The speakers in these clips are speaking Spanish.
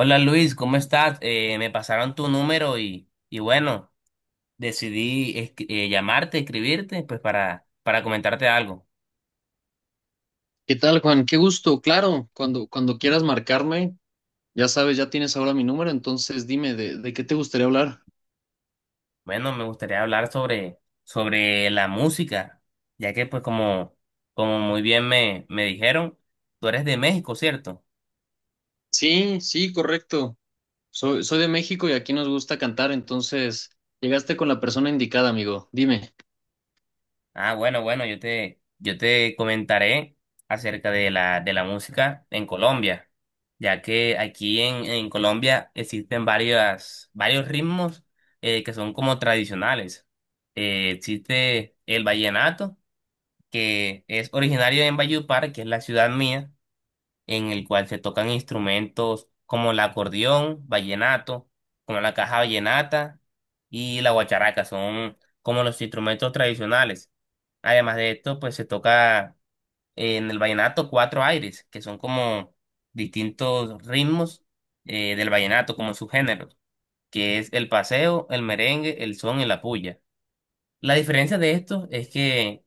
Hola Luis, ¿cómo estás? Me pasaron tu número y bueno, llamarte, escribirte, pues para comentarte algo. ¿Qué tal, Juan? Qué gusto. Claro, cuando quieras marcarme, ya sabes, ya tienes ahora mi número, entonces dime, ¿de qué te gustaría hablar? Bueno, me gustaría hablar sobre la música, ya que pues como muy bien me dijeron, tú eres de México, ¿cierto? Sí, sí, correcto. Soy de México y aquí nos gusta cantar, entonces llegaste con la persona indicada, amigo. Dime. Ah, bueno, bueno, yo te comentaré acerca de de la música en Colombia, ya que en Colombia existen varios ritmos que son como tradicionales. Existe el vallenato, que es originario en Valledupar, que es la ciudad mía, en el cual se tocan instrumentos como el acordeón, vallenato, como la caja vallenata y la guacharaca, son como los instrumentos tradicionales. Además de esto, pues se toca en el vallenato cuatro aires, que son como distintos ritmos del vallenato, como subgéneros, que es el paseo, el merengue, el son y la puya. La diferencia de estos es que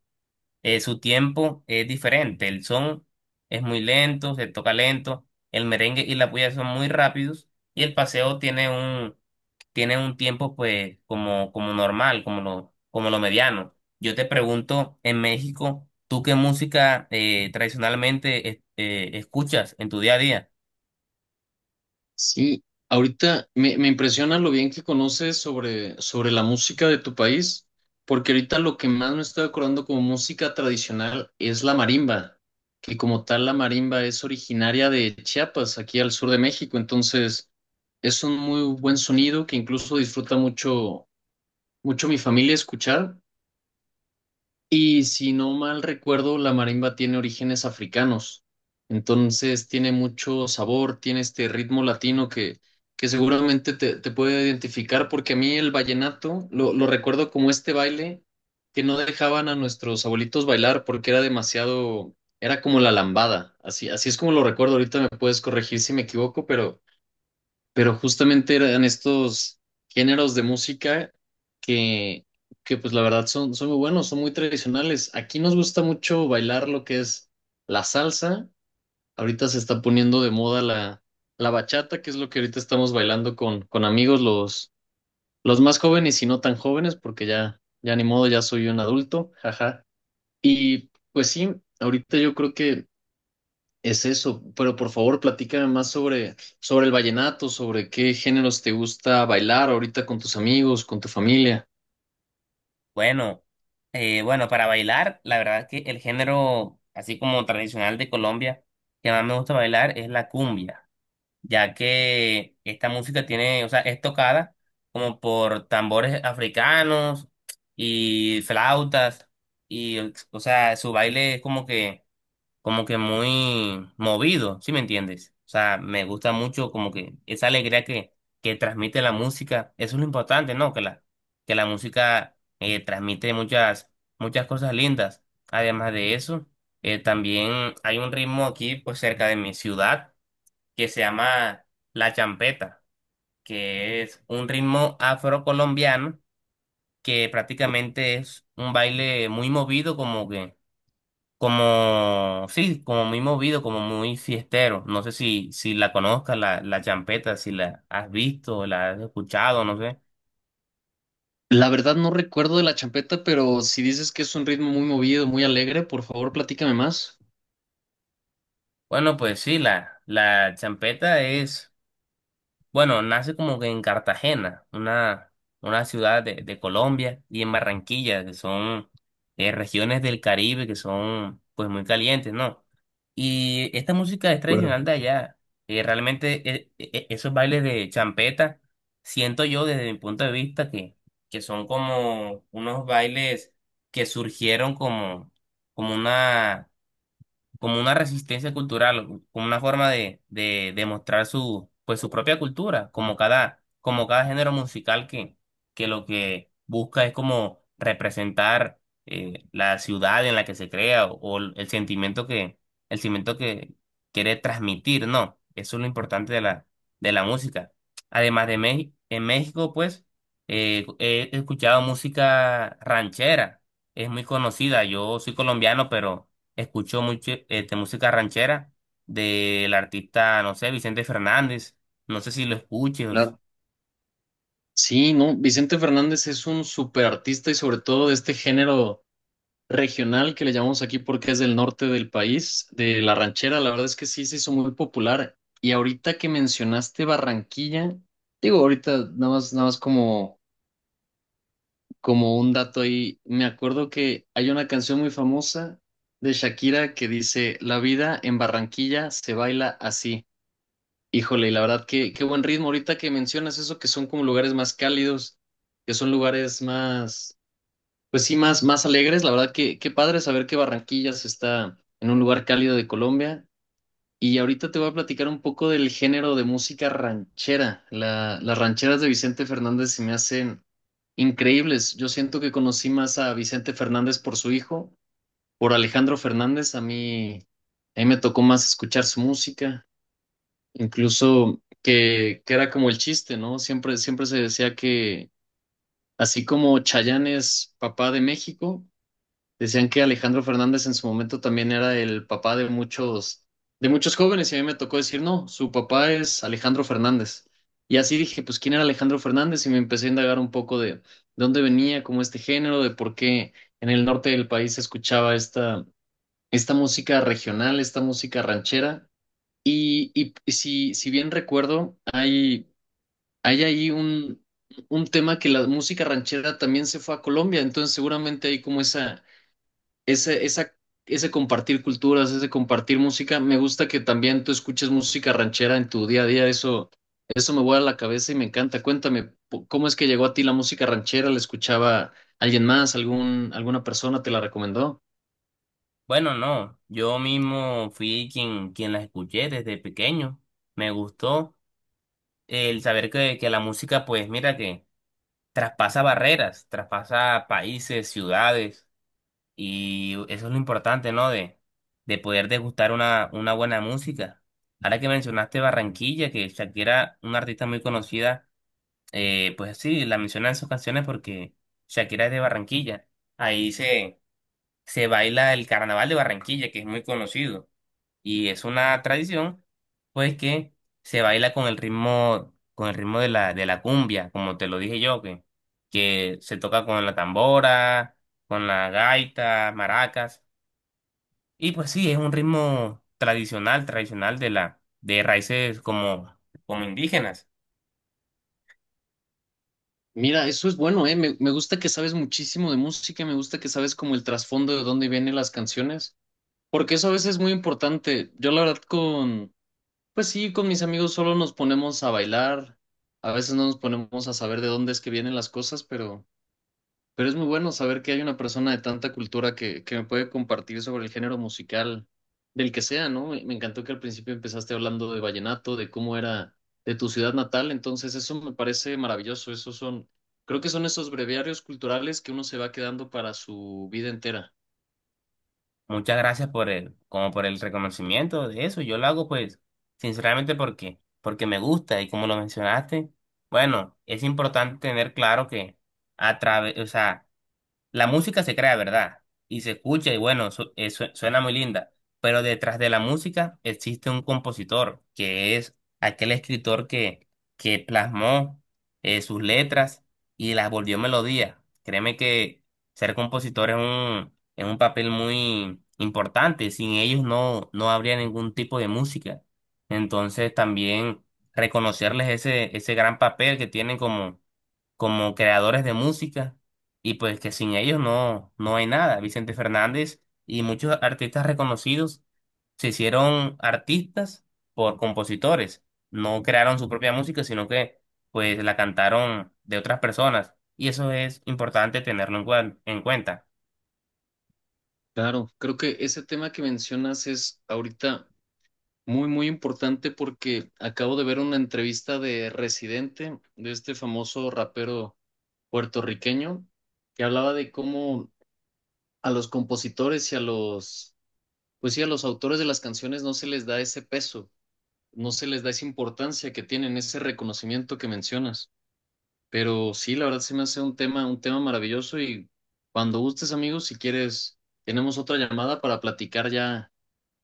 su tiempo es diferente. El son es muy lento, se toca lento, el merengue y la puya son muy rápidos, y el paseo tienen un tiempo pues como, como normal, como lo mediano. Yo te pregunto, en México, ¿tú qué música escuchas en tu día a día? Sí, ahorita me impresiona lo bien que conoces sobre la música de tu país, porque ahorita lo que más me estoy acordando como música tradicional es la marimba, que como tal la marimba es originaria de Chiapas, aquí al sur de México, entonces es un muy buen sonido que incluso disfruta mucho, mucho mi familia escuchar. Y si no mal recuerdo, la marimba tiene orígenes africanos. Entonces tiene mucho sabor, tiene este ritmo latino que seguramente te puede identificar, porque a mí el vallenato lo recuerdo como este baile que no dejaban a nuestros abuelitos bailar porque era demasiado, era como la lambada. Así, así es como lo recuerdo. Ahorita me puedes corregir si me equivoco, pero justamente eran estos géneros de música que, que pues la verdad son, son muy buenos, son muy tradicionales. Aquí nos gusta mucho bailar lo que es la salsa. Ahorita se está poniendo de moda la bachata, que es lo que ahorita estamos bailando con amigos, los más jóvenes y no tan jóvenes, porque ya, ya ni modo, ya soy un adulto, jaja. Y pues sí, ahorita yo creo que es eso, pero por favor platícame más sobre el vallenato, sobre qué géneros te gusta bailar ahorita con tus amigos, con tu familia. Bueno, bueno, para bailar, la verdad es que el género, así como tradicional de Colombia, que más me gusta bailar es la cumbia, ya que esta música tiene, o sea, es tocada como por tambores africanos y flautas, y, o sea, su baile es como que muy movido, ¿sí me entiendes? O sea, me gusta mucho como que esa alegría que transmite la música, eso es lo importante, ¿no? Que la música transmite muchas cosas lindas. Además de eso, también hay un ritmo aquí, pues cerca de mi ciudad, que se llama la champeta, que es un ritmo afrocolombiano que prácticamente es un baile muy movido, como que como, sí, como muy movido, como muy fiestero. No sé si la conozcas, la champeta, si la has visto, la has escuchado, no sé. La verdad no recuerdo de la champeta, pero si dices que es un ritmo muy movido, muy alegre, por favor platícame más. Bueno, pues sí, la champeta es bueno, nace como que en Cartagena, una ciudad de Colombia, y en Barranquilla, que son regiones del Caribe que son pues muy calientes, ¿no? Y esta música es Claro. tradicional de allá. Realmente esos bailes de champeta, siento yo desde mi punto de vista que son como unos bailes que surgieron como una como una resistencia cultural, como una forma de mostrar su, pues, su propia cultura, como cada género musical que lo que busca es como representar la ciudad en la que se crea o el sentimiento el sentimiento que quiere transmitir, ¿no? Eso es lo importante de la música. Además de México, en México, pues, he escuchado música ranchera, es muy conocida, yo soy colombiano, pero escucho mucho este, música ranchera del artista, no sé, Vicente Fernández. No sé si lo escuches. Claro. Sí, no, Vicente Fernández es un súper artista y sobre todo de este género regional que le llamamos aquí porque es del norte del país, de La Ranchera, la verdad es que sí se hizo muy popular. Y ahorita que mencionaste Barranquilla, digo, ahorita nada más, nada más como, como un dato ahí, me acuerdo que hay una canción muy famosa de Shakira que dice, La vida en Barranquilla se baila así. Híjole, y la verdad que qué buen ritmo ahorita que mencionas eso, que son como lugares más cálidos, que son lugares más pues sí, más, más alegres. La verdad que qué padre saber que Barranquillas está en un lugar cálido de Colombia. Y ahorita te voy a platicar un poco del género de música ranchera. La- las rancheras de Vicente Fernández se me hacen increíbles. Yo siento que conocí más a Vicente Fernández por su hijo, por Alejandro Fernández. A mí me tocó más escuchar su música, incluso que era como el chiste, ¿no? Siempre, siempre se decía que así como Chayanne es papá de México. Decían que Alejandro Fernández en su momento también era el papá de muchos jóvenes, y a mí me tocó decir, no, su papá es Alejandro Fernández. Y así dije, pues, ¿quién era Alejandro Fernández? Y me empecé a indagar un poco de dónde venía, como este género, de por qué en el norte del país se escuchaba esta, esta música regional, esta música ranchera. Y, y si, si bien recuerdo, hay ahí un tema que la música ranchera también se fue a Colombia, entonces seguramente hay como esa, ese compartir culturas, ese compartir música. Me gusta que también tú escuches música ranchera en tu día a día. Eso me vuela la cabeza y me encanta. Cuéntame, ¿cómo es que llegó a ti la música ranchera? ¿La escuchaba alguien más? ¿Algún, alguna persona te la recomendó? Bueno, no, yo mismo fui quien las escuché desde pequeño. Me gustó el saber que la música, pues mira, que traspasa barreras, traspasa países, ciudades, y eso es lo importante, ¿no? De poder degustar una buena música. Ahora que mencionaste Barranquilla, que Shakira, una artista muy conocida, pues sí, la mencionan en sus canciones porque Shakira es de Barranquilla. Ahí se, se baila el carnaval de Barranquilla, que es muy conocido. Y es una tradición, pues, que se baila con el ritmo de de la cumbia, como te lo dije yo, que se toca con la tambora, con la gaita, maracas. Y pues sí, es un ritmo tradicional, tradicional de la, de raíces como, como indígenas. Mira, eso es bueno, ¿eh? Me gusta que sabes muchísimo de música, me gusta que sabes como el trasfondo de dónde vienen las canciones, porque eso a veces es muy importante. Yo la verdad con... Pues sí, con mis amigos solo nos ponemos a bailar, a veces no nos ponemos a saber de dónde es que vienen las cosas, pero es muy bueno saber que hay una persona de tanta cultura que me puede compartir sobre el género musical del que sea, ¿no? Me encantó que al principio empezaste hablando de vallenato, de cómo era de tu ciudad natal, entonces eso me parece maravilloso, esos son, creo que son esos breviarios culturales que uno se va quedando para su vida entera. Muchas gracias por el, como por el reconocimiento de eso. Yo lo hago pues sinceramente porque me gusta y como lo mencionaste, bueno, es importante tener claro que a través, o sea, la música se crea, ¿verdad? Y se escucha y bueno, suena muy linda, pero detrás de la música existe un compositor, que es aquel escritor que plasmó sus letras y las volvió melodía. Créeme que ser compositor es es un papel muy importante, sin ellos no habría ningún tipo de música. Entonces también reconocerles ese gran papel que tienen como creadores de música y pues que sin ellos no hay nada. Vicente Fernández y muchos artistas reconocidos se hicieron artistas por compositores, no crearon su propia música, sino que pues la cantaron de otras personas y eso es importante tenerlo en cuenta. Claro, creo que ese tema que mencionas es ahorita muy, muy importante porque acabo de ver una entrevista de Residente, de este famoso rapero puertorriqueño, que hablaba de cómo a los compositores y a los, pues sí, a los autores de las canciones no se les da ese peso, no se les da esa importancia que tienen, ese reconocimiento que mencionas. Pero sí, la verdad se me hace un tema maravilloso y cuando gustes, amigos, si quieres, tenemos otra llamada para platicar ya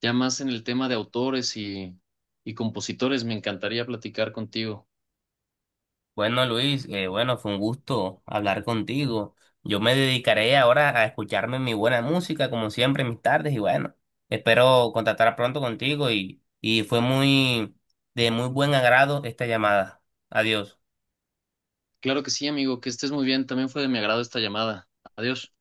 ya más en el tema de autores y compositores, me encantaría platicar contigo. Bueno, Luis, bueno, fue un gusto hablar contigo. Yo me dedicaré ahora a escucharme mi buena música, como siempre, en mis tardes, y bueno, espero contactar pronto contigo y fue muy de muy buen agrado esta llamada. Adiós. Claro que sí, amigo, que estés muy bien. También fue de mi agrado esta llamada. Adiós.